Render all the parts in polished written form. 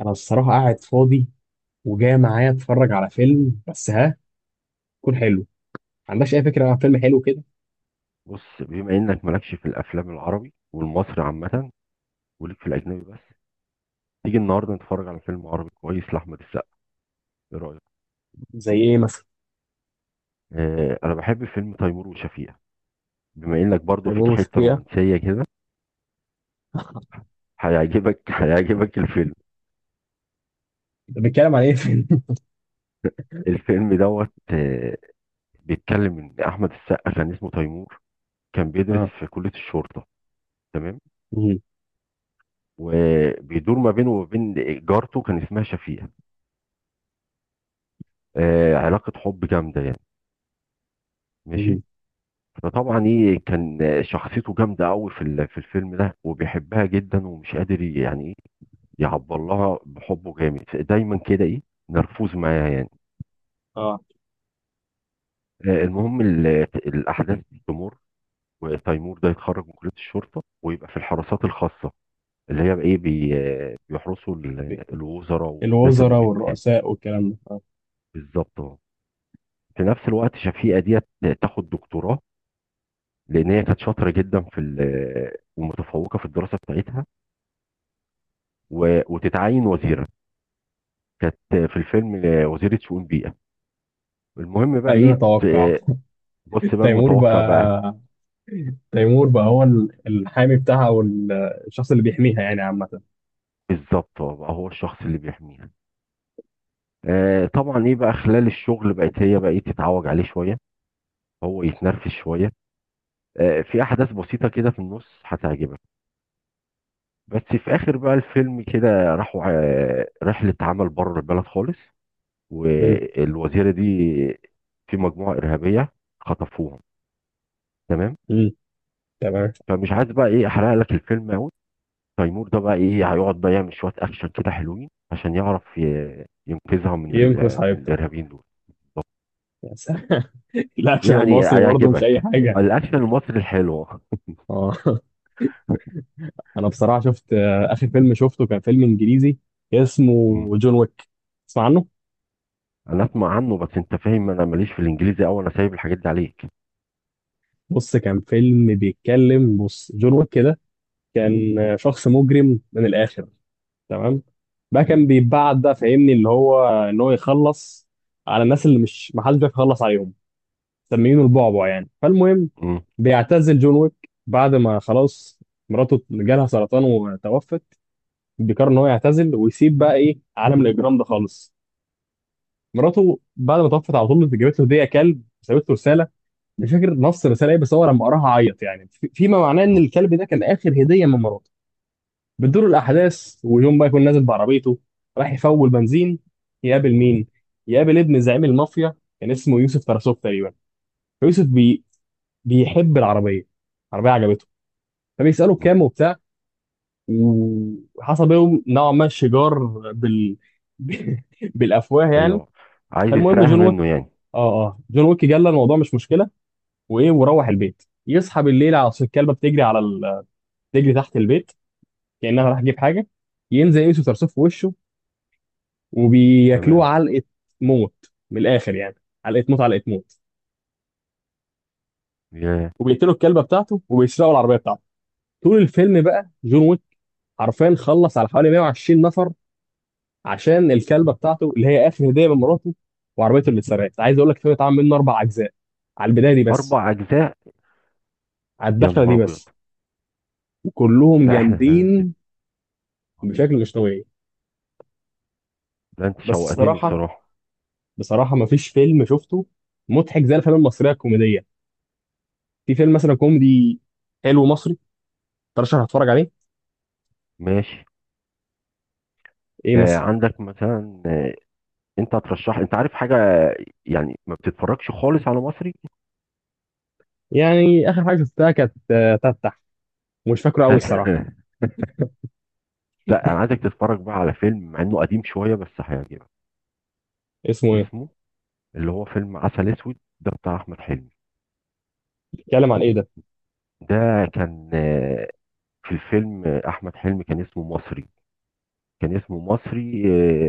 انا الصراحه قاعد فاضي، وجاي معايا اتفرج على فيلم بس ها يكون حلو. ما عندكش اي فكره عن فيلم حلو كده؟ بص، بما انك مالكش في الافلام العربي والمصري عامه، وليك في الاجنبي بس. تيجي النهارده نتفرج على فيلم عربي كويس لاحمد السقا؟ ايه رايك؟ زي ايه مثلا؟ آه، انا بحب فيلم تيمور وشفيقة. بما انك برضو زي بول فيك حته وشفيقة. رومانسيه كده، هيعجبك هيعجبك الفيلم. ده بيتكلم عن ايه فيلم؟ الفيلم دوت بيتكلم ان احمد السقا كان اسمه تيمور. كان بيدرس اه. في كليه الشرطه. تمام. مهم. وبيدور ما بينه وما بين جارته، كان اسمها شفيقة. آه، علاقه حب جامده يعني. ماشي. مهم. فطبعا ايه، كان شخصيته جامده قوي في الفيلم ده، وبيحبها جدا، ومش قادر يعني ايه، يعبر لها بحبه جامد. دايما كده، ايه نرفوز معاها يعني. اه، المهم الاحداث تمر. وتيمور ده يتخرج من كليه الشرطه، ويبقى في الحراسات الخاصه، اللي هي بقى ايه بي آه، بيحرسوا الوزراء والناس الوزراء المهمه يعني. والرؤساء والكلام ده اه. بالظبط اه. في نفس الوقت شفيقه ديت تاخد دكتوراه، لان هي كانت شاطره جدا ومتفوقه في الدراسه بتاعتها. وتتعين وزيره. كانت في الفيلم وزيرة شؤون بيئة. المهم بقى ايه، خلينا نتوقع. ت- بص بقى تيمور المتوقع بقى. بقى تيمور بقى هو الحامي بتاعها، او الشخص اللي بيحميها يعني عامه. بالظبط، هو بقى هو الشخص اللي بيحميها. آه طبعا، ايه بقى خلال الشغل، بقت هي بقى ايه تتعوج عليه شوية، هو يتنرفز شوية. آه، في احداث بسيطة كده في النص هتعجبك. بس في اخر بقى الفيلم كده، راحوا رحلة عمل بره البلد خالص، مم. والوزيرة دي في مجموعة إرهابية خطفوهم. تمام. مم. تمام. فمش عايز بقى ايه احرق لك الفيلم قوي، تيمور ده بقى ايه هيقعد بقى يعمل شويه اكشن كده حلوين، عشان يعرف ينقذها ينقذ من حبيبته. الارهابيين دول. يا سلام! الاكشن يعني المصري برضه مش اي هيعجبك حاجه. الاكشن المصري الحلو. اه. انا بصراحه شفت، اخر فيلم شفته كان فيلم انجليزي مم. اسمه جون ويك. تسمع عنه؟ انا اسمع عنه، بس انت فاهم انا ماليش في الانجليزي قوي. انا سايب الحاجات دي عليك. بص، كان فيلم بيتكلم. بص، جون ويك كده كان شخص مجرم من الاخر. تمام. بقى كان بيتبعت، بقى فاهمني اللي هو ان هو يخلص على الناس اللي مش، ما حدش بيعرف يخلص عليهم. مسميينه البعبع يعني. فالمهم، مم. بيعتزل جون ويك بعد ما خلاص مراته جالها سرطان وتوفت. بيقرر ان هو يعتزل ويسيب بقى ايه عالم الاجرام ده خالص. مراته بعد ما توفت على طول جابت له هديه كلب وسابت له رساله. مش فاكر نص الرساله ايه، بس هو لما قراها عيط يعني فيما معناه ان مم. الكلب ده كان اخر هديه من مراته. بتدور الاحداث، ويوم بقى يكون نازل بعربيته راح يفول بنزين. يقابل مم. مين؟ يقابل ابن زعيم المافيا، كان اسمه يوسف تراسوف تقريبا. فيوسف بيحب العربيه. العربيه عجبته، فبيساله مم. كام وبتاع. وحصل بينهم نوعا ما شجار بال... بالافواه يعني. ايوه. عايز فالمهم يسرقها جون ويك. منه يعني. اه اه جون ويك جلى الموضوع، مش مشكله. وايه، وروح البيت يصحى بالليل على صوت الكلبه بتجري على بتجري تحت البيت. كانها راح تجيب حاجه. ينزل يوسف صرصوف في وشه وبياكلوه تمام. علقه موت، من الاخر يعني، علقه موت علقه موت. يا وبيقتلوا الكلبه بتاعته وبيسرقوا العربيه بتاعته. طول الفيلم بقى جون ويك حرفيا خلص على حوالي 120 نفر، عشان الكلبه بتاعته اللي هي اخر هديه من مراته، وعربيته اللي اتسرقت. عايز اقول لك الفيلم اتعمل منه اربع اجزاء على البدايه دي بس، اربع اجزاء؟ على يا الدخله نهار دي ابيض! بس. كلهم لا، احنا هننزل. جامدين الله. بشكل مش طبيعي. لا انت بس شوقتني الصراحه، بصراحه. بصراحه ما فيش فيلم شفته مضحك زي الافلام المصريه الكوميديه. في فيلم مثلا كوميدي حلو مصري ترشح هتفرج عليه؟ ماشي. ايه آه، مثلا؟ عندك مثلا؟ انت هترشح؟ انت عارف حاجه؟ يعني ما بتتفرجش خالص على مصري؟ يعني اخر حاجه شفتها كانت، تفتح، مش فاكره قوي انت، الصراحه. لا انا عايزك تتفرج بقى على فيلم مع انه قديم شويه، بس هيعجبك. اسمه ايه؟ اسمه، اللي هو فيلم عسل اسود ده بتاع احمد حلمي. بيتكلم عن ايه ده؟ ده كان في الفيلم احمد حلمي كان اسمه مصري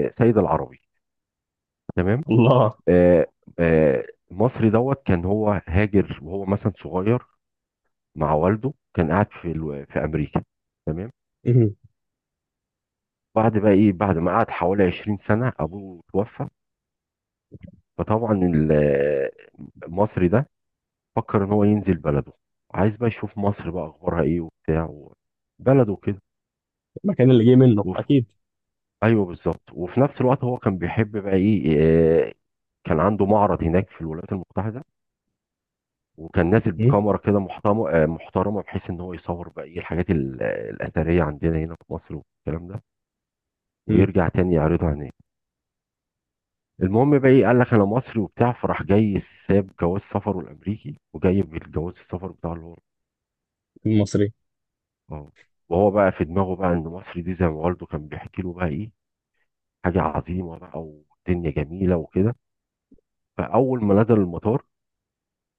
سيد العربي. تمام. الله. آه، مصري دوت كان هو هاجر وهو مثلا صغير، مع والده. كان قاعد في امريكا. تمام. مم. بعد بقى ايه، بعد ما قعد حوالي 20 سنه ابوه توفى. فطبعا المصري ده فكر ان هو ينزل بلده. عايز بقى يشوف مصر بقى اخبارها ايه وبتاع، بلده كده. المكان اللي جه منه وف... اكيد. ايوه، بالظبط. وفي نفس الوقت هو كان بيحب بقى ايه آه، كان عنده معرض هناك في الولايات المتحده. وكان نازل مم. بكاميرا كده محترمه بحيث ان هو يصور بقى ايه الحاجات الاثريه عندنا هنا في مصر والكلام ده. مم. ويرجع تاني يعرضها هناك. المهم بقى ايه، قال لك انا مصري وبتاع، فراح جاي. ساب جواز سفره الامريكي، وجايب الجواز السفر بتاعه اللي هو المصري اه. وهو بقى في دماغه بقى ان مصر دي زي ما والده كان بيحكي له بقى ايه، حاجه عظيمه بقى، والدنيا جميله وكده. فاول ما نزل المطار،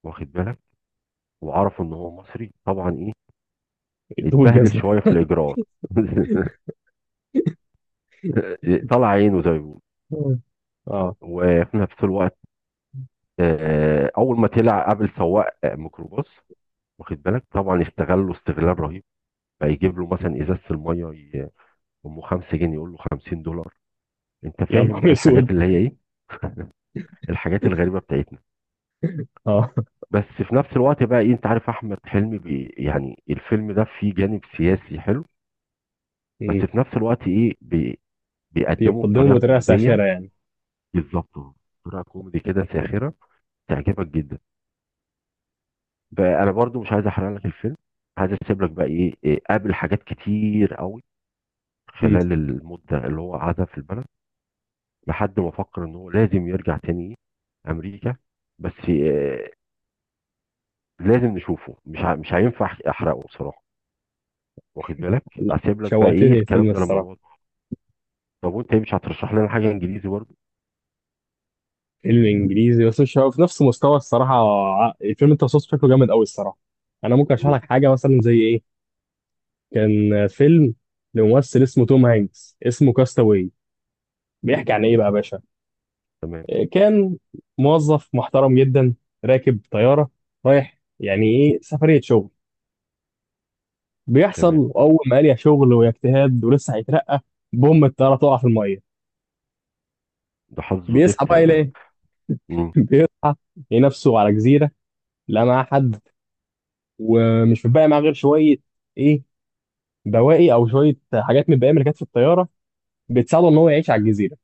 واخد بالك، وعرفوا ان هو مصري، طبعا ايه دوب اتبهدل الجزمه. شويه في الاجراءات. طلع عينه زي ما بيقولوا. مم. اه. وفي نفس الوقت اول ما طلع قابل سواق ميكروباص، واخد بالك، طبعا استغله استغلال رهيب. فيجيب له مثلا ازازه الميه، ي- امه 5 جنيه، يقول له $50. انت يا فاهم نهار بقى الحاجات اسود. اللي هي ايه. الحاجات الغريبه بتاعتنا. اه. بس في نفس الوقت بقى ايه، انت عارف احمد حلمي يعني، الفيلم ده فيه جانب سياسي حلو. بس مم. في نفس الوقت ايه بي بيقدمه بيقدمه بطريقه بطريقه كوميديه. ساخره يعني. بالظبط اهو. بطريقه كوميدي كده ساخره، تعجبك جدا. فانا برضو مش عايز احرق لك الفيلم. عايز اسيب لك بقى ايه إيه، قابل حاجات كتير قوي مم. خلال المده اللي هو قعدها في البلد. لحد ما فكر ان هو لازم يرجع تاني امريكا. بس لازم نشوفه، مش هينفع احرقه بصراحه، واخد بالك. لا، هسيب لك بقى ايه شوقتني الفيلم الكلام ده لما نقعد. الصراحه. طب وانت، ايه؟ مش هترشح لنا حاجه انجليزي برضه؟ فيلم انجليزي، بس مش هو في نفس مستوى الصراحه. الفيلم انت وصفته شكله جامد قوي الصراحه. انا ممكن مم. اشرح مم. لك حاجه مثلا زي ايه. كان فيلم لممثل اسمه توم هانكس، اسمه كاستاوي. بيحكي عن ايه بقى يا باشا. تمام. كان موظف محترم جدا، راكب طياره، رايح يعني ايه سفريه شغل. تمام. بيحصل اول ما قال يا شغل ويا اجتهاد ولسه هيترقى، بوم، الطياره تقع في الميه. ده حظه بيصحى زفت بقى بقى. يلاقي. مم. بيصحى، يلاقي نفسه على جزيره. لا معاه حد، ومش بقى معاه غير شويه ايه، بواقي او شويه حاجات من البقايا اللي كانت في الطياره، بتساعده ان هو يعيش على الجزيره.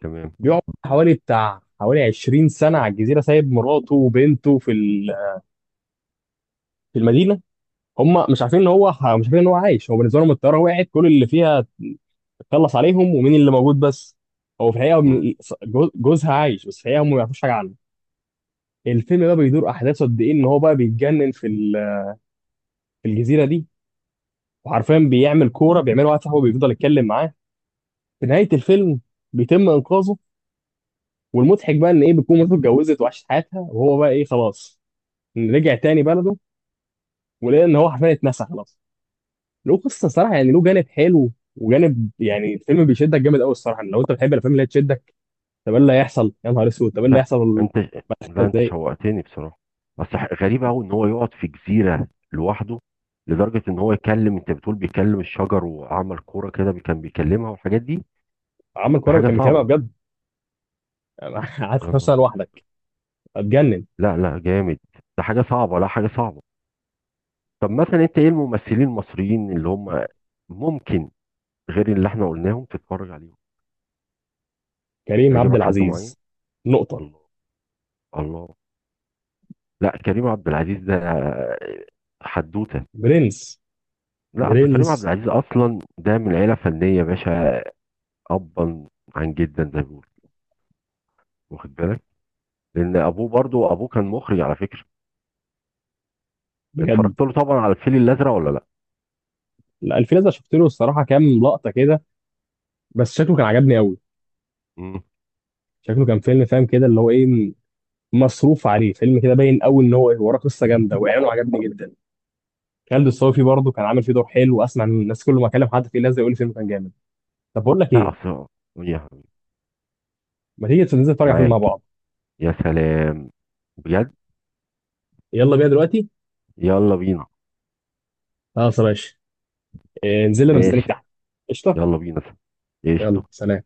تمام. بيقعد حوالي 20 سنه على الجزيره، سايب مراته وبنته في المدينه. هم مش عارفين ان هو مش عارفين ان هو عايش. هو بالنسبه لهم الطياره وقعت، كل اللي فيها خلص عليهم ومين اللي موجود بس. هو في الحقيقه مم. جوزها عايش، بس في الحقيقه هم ما يعرفوش حاجه عنه. الفيلم بقى بيدور احداثه قد ايه ان هو بقى بيتجنن في الجزيره دي. وحرفيا بيعمل كوره، بيعمل واحد صاحبه بيفضل يتكلم معاه. في نهايه الفيلم بيتم انقاذه. والمضحك بقى ان ايه، بتكون مراته اتجوزت وعاشت حياتها، وهو بقى ايه خلاص، رجع تاني بلده، ولقى ان هو حرفيا اتنسى خلاص. له قصه صراحه، يعني له جانب حلو وجانب يعني، الفيلم بيشدك جامد قوي الصراحه لو انت بتحب الافلام اللي هي تشدك. طب ايه اللي هيحصل، يا نهار اسود، طب ايه اللي لا هيحصل! انت لا انت ازاي؟ شوقتني بصراحه. غريب قوي ان هو يقعد في جزيره لوحده، لدرجه ان هو يكلم، انت بتقول بيكلم الشجر وعمل كوره كده كان بيكلمها، والحاجات دي. عمل ده كوره حاجه كان بيكلمها صعبه. بجد؟ قعدت يا 15 سنه نهار ابيض. لوحدك، اتجنن. لا لا، جامد. ده حاجه صعبه، لا حاجه صعبه. طب مثلا انت، ايه الممثلين المصريين اللي هم ممكن، غير اللي احنا قلناهم، تتفرج عليهم؟ كريم عبد يعجبك حد معين؟ العزيز، نقطه. الله. الله. لا، كريم عبد العزيز ده حدوته. برنس. لا اصل كريم عبد برنس، العزيز اصلا ده من عيله فنيه يا باشا. ابا عن جدا، زي ما بيقولوا، واخد بالك. لان ابوه، برضو ابوه كان مخرج على فكره. بجد. اتفرجت له طبعا على الفيل الازرق ولا لا؟ لا، الفيلم ده شفت له الصراحه كام لقطه كده، بس شكله كان عجبني قوي. مم. شكله كان فيلم فاهم كده اللي هو ايه، مصروف عليه، فيلم كده باين قوي ان هو وراه قصه جامده، واعلانه عجبني جدا. خالد الصوفي برضه كان عامل فيه دور حلو. اسمع ان الناس كل ما اكلم حد فيه لازم يقول لي فيلم كان جامد. طب بقول لك لا ايه، اصل، يا حبيبي، ما تيجي ننزل نتفرج على فيلم مع معاك. بعض؟ يا سلام، بجد. يلا بينا دلوقتي. يلا بينا. خلاص يا باشا. انزل انا مستنيك ماشي. تحت. قشطه. يلا بينا. يلا قشطه. سلام.